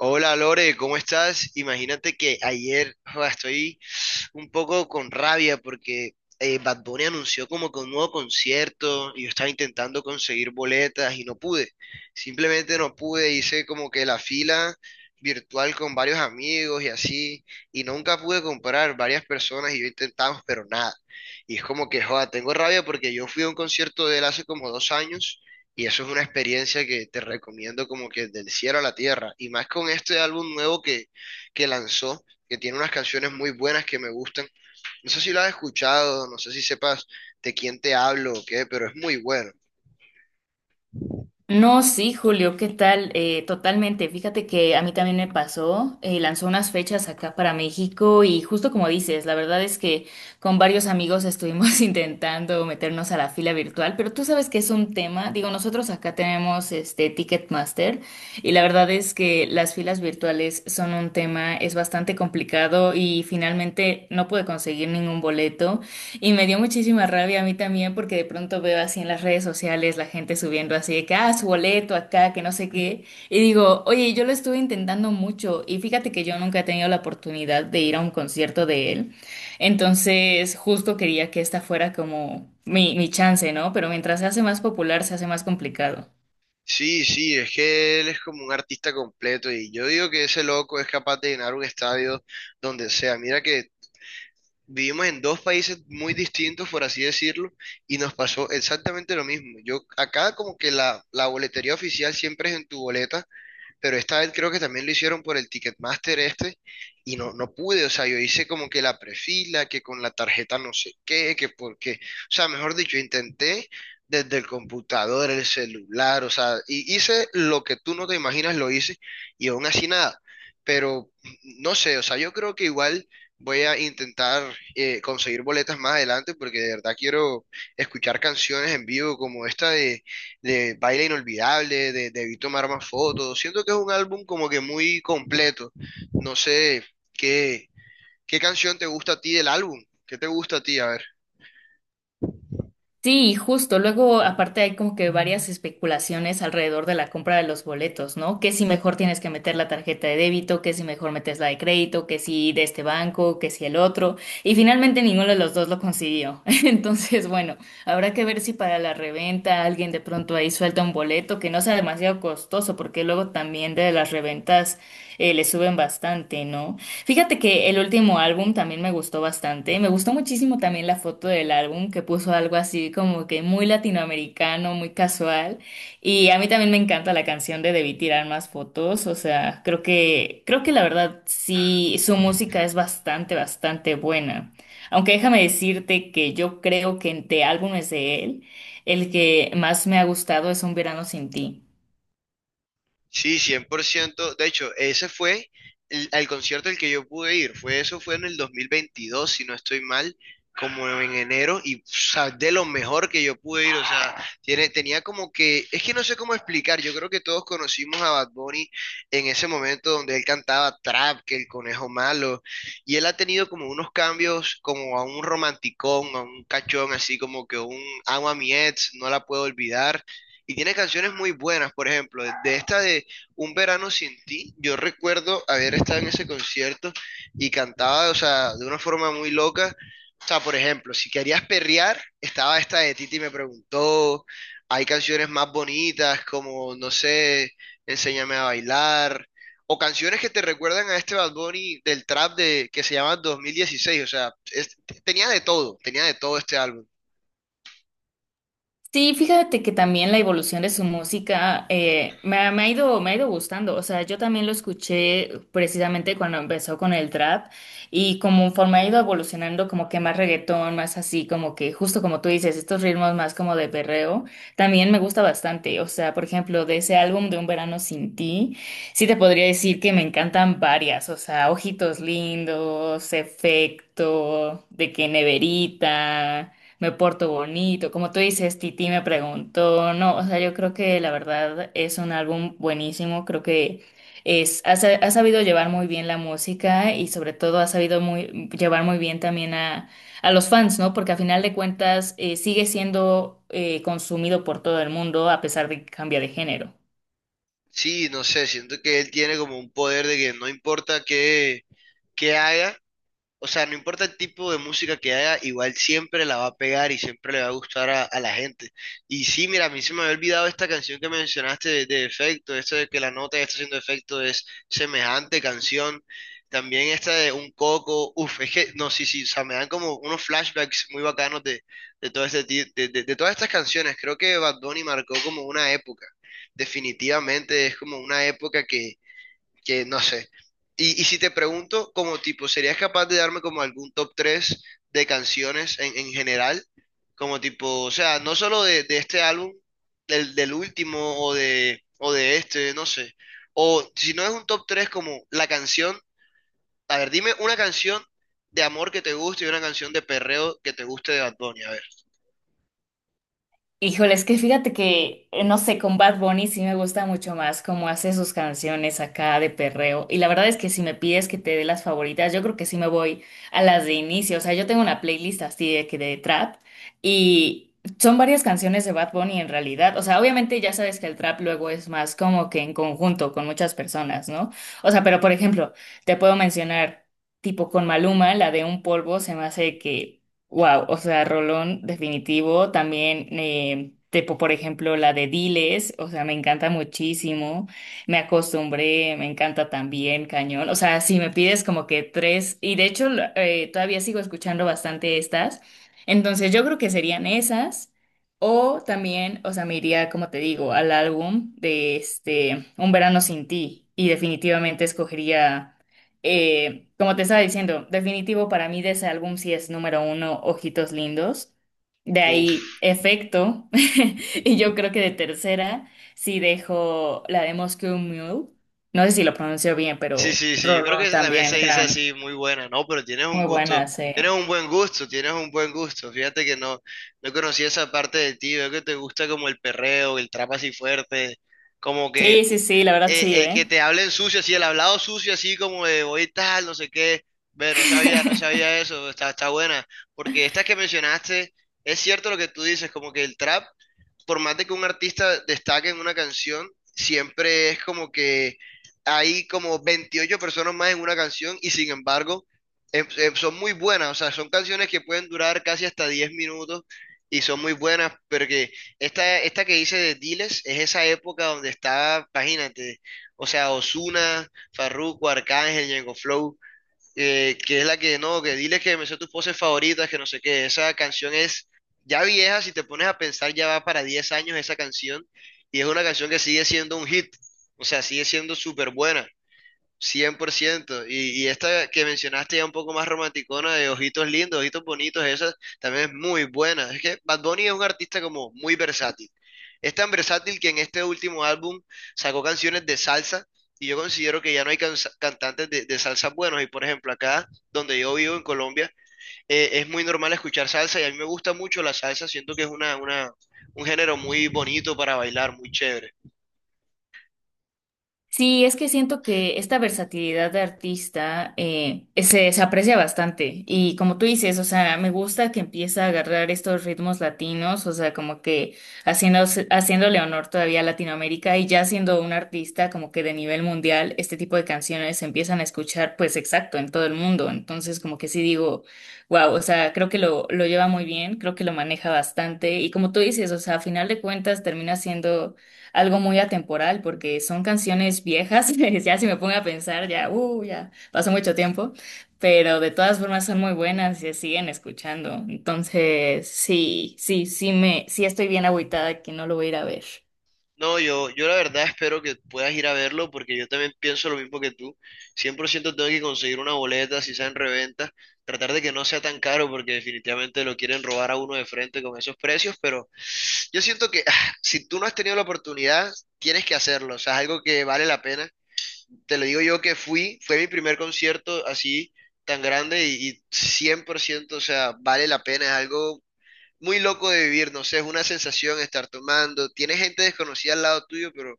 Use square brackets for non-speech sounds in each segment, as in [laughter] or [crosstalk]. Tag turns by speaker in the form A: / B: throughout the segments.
A: Hola Lore, ¿cómo estás? Imagínate que ayer joda, estoy un poco con rabia porque Bad Bunny anunció como que un nuevo concierto y yo estaba intentando conseguir boletas y no pude. Simplemente no pude, hice como que la fila virtual con varios amigos y así y nunca pude comprar varias personas y yo intentamos, pero nada. Y es como que, joda, tengo rabia porque yo fui a un concierto de él hace como dos años y eso es una experiencia que te recomiendo como que del cielo a la tierra. Y más con este álbum nuevo que lanzó, que tiene unas canciones muy buenas que me gustan. No sé si lo has escuchado, no sé si sepas de quién te hablo o qué, pero es muy bueno.
B: No, sí, Julio, ¿qué tal? Totalmente. Fíjate que a mí también me pasó. Lanzó unas fechas acá para México y justo como dices, la verdad es que con varios amigos estuvimos [laughs] intentando meternos a la fila virtual, pero tú sabes que es un tema. Digo, nosotros acá tenemos este Ticketmaster y la verdad es que las filas virtuales son un tema, es bastante complicado y finalmente no pude conseguir ningún boleto. Y me dio muchísima rabia a mí también porque de pronto veo así en las redes sociales la gente subiendo así de que, ah, su boleto acá, que no sé qué. Y digo, oye, yo lo estuve intentando mucho y fíjate que yo nunca he tenido la oportunidad de ir a un concierto de él. Entonces, justo quería que esta fuera como mi chance, ¿no? Pero mientras se hace más popular, se hace más complicado.
A: Sí, sí, es que él es como un artista completo y yo digo que ese loco es capaz de llenar un estadio donde sea. Mira que vivimos en dos países muy distintos, por así decirlo, y nos pasó exactamente lo mismo. Yo acá como que la boletería oficial siempre es en tu boleta, pero esta vez creo que también lo hicieron por el Ticketmaster este y no, no pude. O sea, yo hice como que la prefila, que con la tarjeta no sé qué, que porque, o sea, mejor dicho, intenté desde el computador, el celular, o sea, y hice lo que tú no te imaginas, lo hice y aún así nada, pero no sé, o sea, yo creo que igual... Voy a intentar conseguir boletas más adelante porque de verdad quiero escuchar canciones en vivo como esta de Baile Inolvidable, de Debí Tomar Más Fotos. Siento que es un álbum como que muy completo. No sé qué, qué canción te gusta a ti del álbum. ¿Qué te gusta a ti? A ver.
B: Sí, justo. Luego, aparte, hay como que varias especulaciones alrededor de la compra de los boletos, ¿no? Que si mejor tienes que meter la tarjeta de débito, que si mejor metes la de crédito, que si de este banco, que si el otro. Y finalmente ninguno de los dos lo consiguió. [laughs] Entonces, bueno, habrá que ver si para la reventa alguien de pronto ahí suelta un boleto que no sea demasiado costoso, porque luego también de las reventas le suben bastante, ¿no? Fíjate que el último álbum también me gustó bastante. Me gustó muchísimo también la foto del álbum que puso algo así como que muy latinoamericano, muy casual. Y a mí también me encanta la canción de Debí Tirar Más Fotos. O sea, creo que la verdad sí, su música es bastante, bastante buena. Aunque déjame decirte que yo creo que entre álbumes de él, el que más me ha gustado es Un Verano Sin Ti.
A: Sí, 100%. De hecho, ese fue el, al concierto al que yo pude ir. Fue eso, fue en el 2022, si no estoy mal, como en enero. Y, o sea, de lo mejor que yo pude ir. O sea, tiene, tenía como que, es que no sé cómo explicar. Yo creo que todos conocimos a Bad Bunny en ese momento donde él cantaba Trap, que el conejo malo. Y él ha tenido como unos cambios, como a un romanticón, a un cachón, así como que un amo a mi ex, no la puedo olvidar, y tiene canciones muy buenas, por ejemplo, de esta de Un verano sin ti. Yo recuerdo haber estado en ese concierto y cantaba, o sea, de una forma muy loca. O sea, por ejemplo, si querías perrear, estaba esta de Titi me preguntó. Hay canciones más bonitas como, no sé, Enséñame a bailar. O canciones que te recuerdan a este Bad Bunny del trap de, que se llama 2016. O sea, tenía de todo este álbum.
B: Sí, fíjate que también la evolución de su música me ha ido gustando. O sea, yo también lo escuché precisamente cuando empezó con el trap y como forma ha ido evolucionando como que más reggaetón, más así, como que justo como tú dices, estos ritmos más como de perreo, también me gusta bastante. O sea, por ejemplo, de ese álbum de Un Verano Sin Ti, sí te podría decir que me encantan varias. O sea, Ojitos Lindos, Efecto, de que Neverita, me porto bonito, como tú dices, Titi Me Preguntó, no, o sea, yo creo que la verdad es un álbum buenísimo, creo que ha sabido llevar muy bien la música y sobre todo ha sabido llevar muy bien también a los fans, ¿no? Porque a final de cuentas sigue siendo consumido por todo el mundo a pesar de que cambia de género.
A: Sí, no sé, siento que él tiene como un poder de que no importa qué, qué haga, o sea, no importa el tipo de música que haga, igual siempre la va a pegar y siempre le va a gustar a la gente. Y sí, mira, a mí se me había olvidado esta canción que mencionaste de efecto, esto de que la nota que está haciendo efecto es semejante canción. También esta de Un Coco, uff, es que, no, sí, sí, o sea, me dan como unos flashbacks muy bacanos de, de todas estas canciones. Creo que Bad Bunny marcó como una época. Definitivamente es como una época que no sé. Y si te pregunto, como tipo, ¿serías capaz de darme como algún top 3 de canciones en general? Como tipo, o sea, no solo de este álbum, del, del último o de este, no sé. O si no es un top 3 como la canción, a ver, dime una canción de amor que te guste y una canción de perreo que te guste de Bad Bunny, a ver.
B: Híjole, es que fíjate que, no sé, con Bad Bunny sí me gusta mucho más cómo hace sus canciones acá de perreo. Y la verdad es que si me pides que te dé las favoritas, yo creo que sí me voy a las de inicio. O sea, yo tengo una playlist así de que de trap y son varias canciones de Bad Bunny en realidad. O sea, obviamente ya sabes que el trap luego es más como que en conjunto con muchas personas, ¿no? O sea, pero por ejemplo, te puedo mencionar tipo con Maluma, la de Un Polvo, se me hace que wow, o sea, Rolón, definitivo. También, tipo, por ejemplo, la de Diles, o sea, me encanta muchísimo. Me Acostumbré, me encanta también, cañón. O sea, si me pides como que tres, y de hecho, todavía sigo escuchando bastante estas. Entonces, yo creo que serían esas. O también, o sea, me iría, como te digo, al álbum de este Un Verano Sin Ti. Y definitivamente escogería. Como te estaba diciendo, definitivo para mí de ese álbum sí es número uno, Ojitos Lindos. De
A: Uf.
B: ahí, Efecto. [laughs] Y yo creo que de tercera sí dejo la de Moscow Mule. No sé si lo pronuncio bien,
A: Sí,
B: pero
A: sí, sí, yo creo
B: Rolón
A: que también se
B: también,
A: dice
B: gran.
A: así, muy buena, ¿no? Pero tienes un
B: Muy
A: gusto,
B: buena, sí.
A: tienes un buen gusto, tienes un buen gusto. Fíjate que no, no conocí esa parte de ti, veo que te gusta como el perreo, el trap así fuerte, como
B: Sí, sí, sí, la verdad sí,
A: que
B: ¿eh?
A: te hablen sucio, así el hablado sucio, así como de hoy tal, no sé qué. Ve, no sabía, no sabía eso, está, está buena. Porque estas que mencionaste, es cierto lo que tú dices, como que el trap por más de que un artista destaque en una canción, siempre es como que hay como 28 personas más en una canción y sin embargo son muy buenas, o sea, son canciones que pueden durar casi hasta 10 minutos y son muy buenas, porque esta que hice de Diles es esa época donde está, imagínate, o sea, Ozuna, Farruko, Arcángel, Ñengo Flow, que es la que no, que dile que me sé tus poses favoritas, que no sé qué. Esa canción es ya vieja, si te pones a pensar, ya va para 10 años esa canción, y es una canción que sigue siendo un hit, o sea, sigue siendo súper buena, cien por ciento. Y esta que mencionaste ya un poco más romanticona, de Ojitos Lindos, Ojitos Bonitos, esa también es muy buena. Es que Bad Bunny es un artista como muy versátil. Es tan versátil que en este último álbum sacó canciones de salsa y yo considero que ya no hay cantantes de salsa buenos. Y por ejemplo, acá donde yo vivo en Colombia, es muy normal escuchar salsa y a mí me gusta mucho la salsa. Siento que es un género muy bonito para bailar, muy chévere.
B: Sí, es que siento que esta versatilidad de artista se aprecia bastante y como tú dices, o sea, me gusta que empieza a agarrar estos ritmos latinos, o sea, como que haciendo, haciéndole honor todavía a Latinoamérica y ya siendo un artista como que de nivel mundial, este tipo de canciones se empiezan a escuchar pues exacto en todo el mundo, entonces como que sí digo, wow, o sea, creo que lo lleva muy bien, creo que lo maneja bastante y como tú dices, o sea, a final de cuentas termina siendo algo muy atemporal porque son canciones viejas, [laughs] ya si me pongo a pensar, ya, ya pasó mucho tiempo, pero de todas formas son muy buenas y se siguen escuchando. Entonces, sí, sí, sí me, sí estoy bien agüitada que no lo voy a ir a ver.
A: No, yo la verdad espero que puedas ir a verlo porque yo también pienso lo mismo que tú. Cien por ciento. Tengo que conseguir una boleta, si sea en reventa, tratar de que no sea tan caro porque definitivamente lo quieren robar a uno de frente con esos precios, pero yo siento que ah, si tú no has tenido la oportunidad, tienes que hacerlo, o sea, es algo que vale la pena. Te lo digo yo que fui, fue mi primer concierto así tan grande y 100%, o sea, vale la pena, es algo muy loco de vivir, no sé, es una sensación estar tomando, tienes gente desconocida al lado tuyo, pero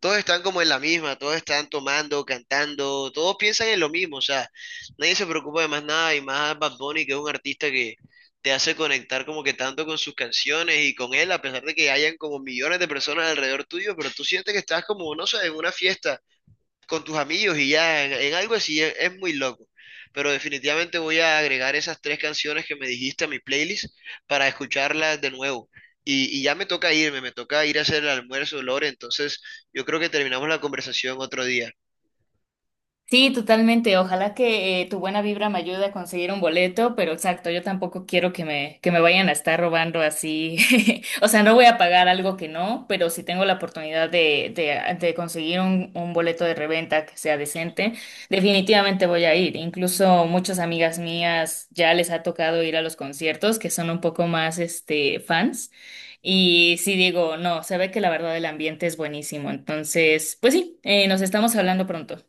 A: todos están como en la misma, todos están tomando, cantando, todos piensan en lo mismo, o sea, nadie se preocupa de más nada y más Bad Bunny, que es un artista que te hace conectar como que tanto con sus canciones y con él, a pesar de que hayan como millones de personas alrededor tuyo, pero tú sientes que estás como, no sé, en una fiesta con tus amigos y ya en algo así es muy loco. Pero definitivamente voy a agregar esas tres canciones que me dijiste a mi playlist para escucharlas de nuevo. Y ya me toca irme, me toca ir a hacer el almuerzo, Lore. Entonces yo creo que terminamos la conversación otro día.
B: Sí, totalmente. Ojalá que tu buena vibra me ayude a conseguir un boleto, pero exacto, yo tampoco quiero que me vayan a estar robando así. [laughs] O sea, no voy a pagar algo que no, pero si tengo la oportunidad de conseguir un boleto de reventa que sea decente, definitivamente voy a ir. Incluso muchas amigas mías ya les ha tocado ir a los conciertos, que son un poco más este, fans. Y sí digo, no, se ve que la verdad el ambiente es buenísimo. Entonces, pues sí, nos estamos hablando pronto.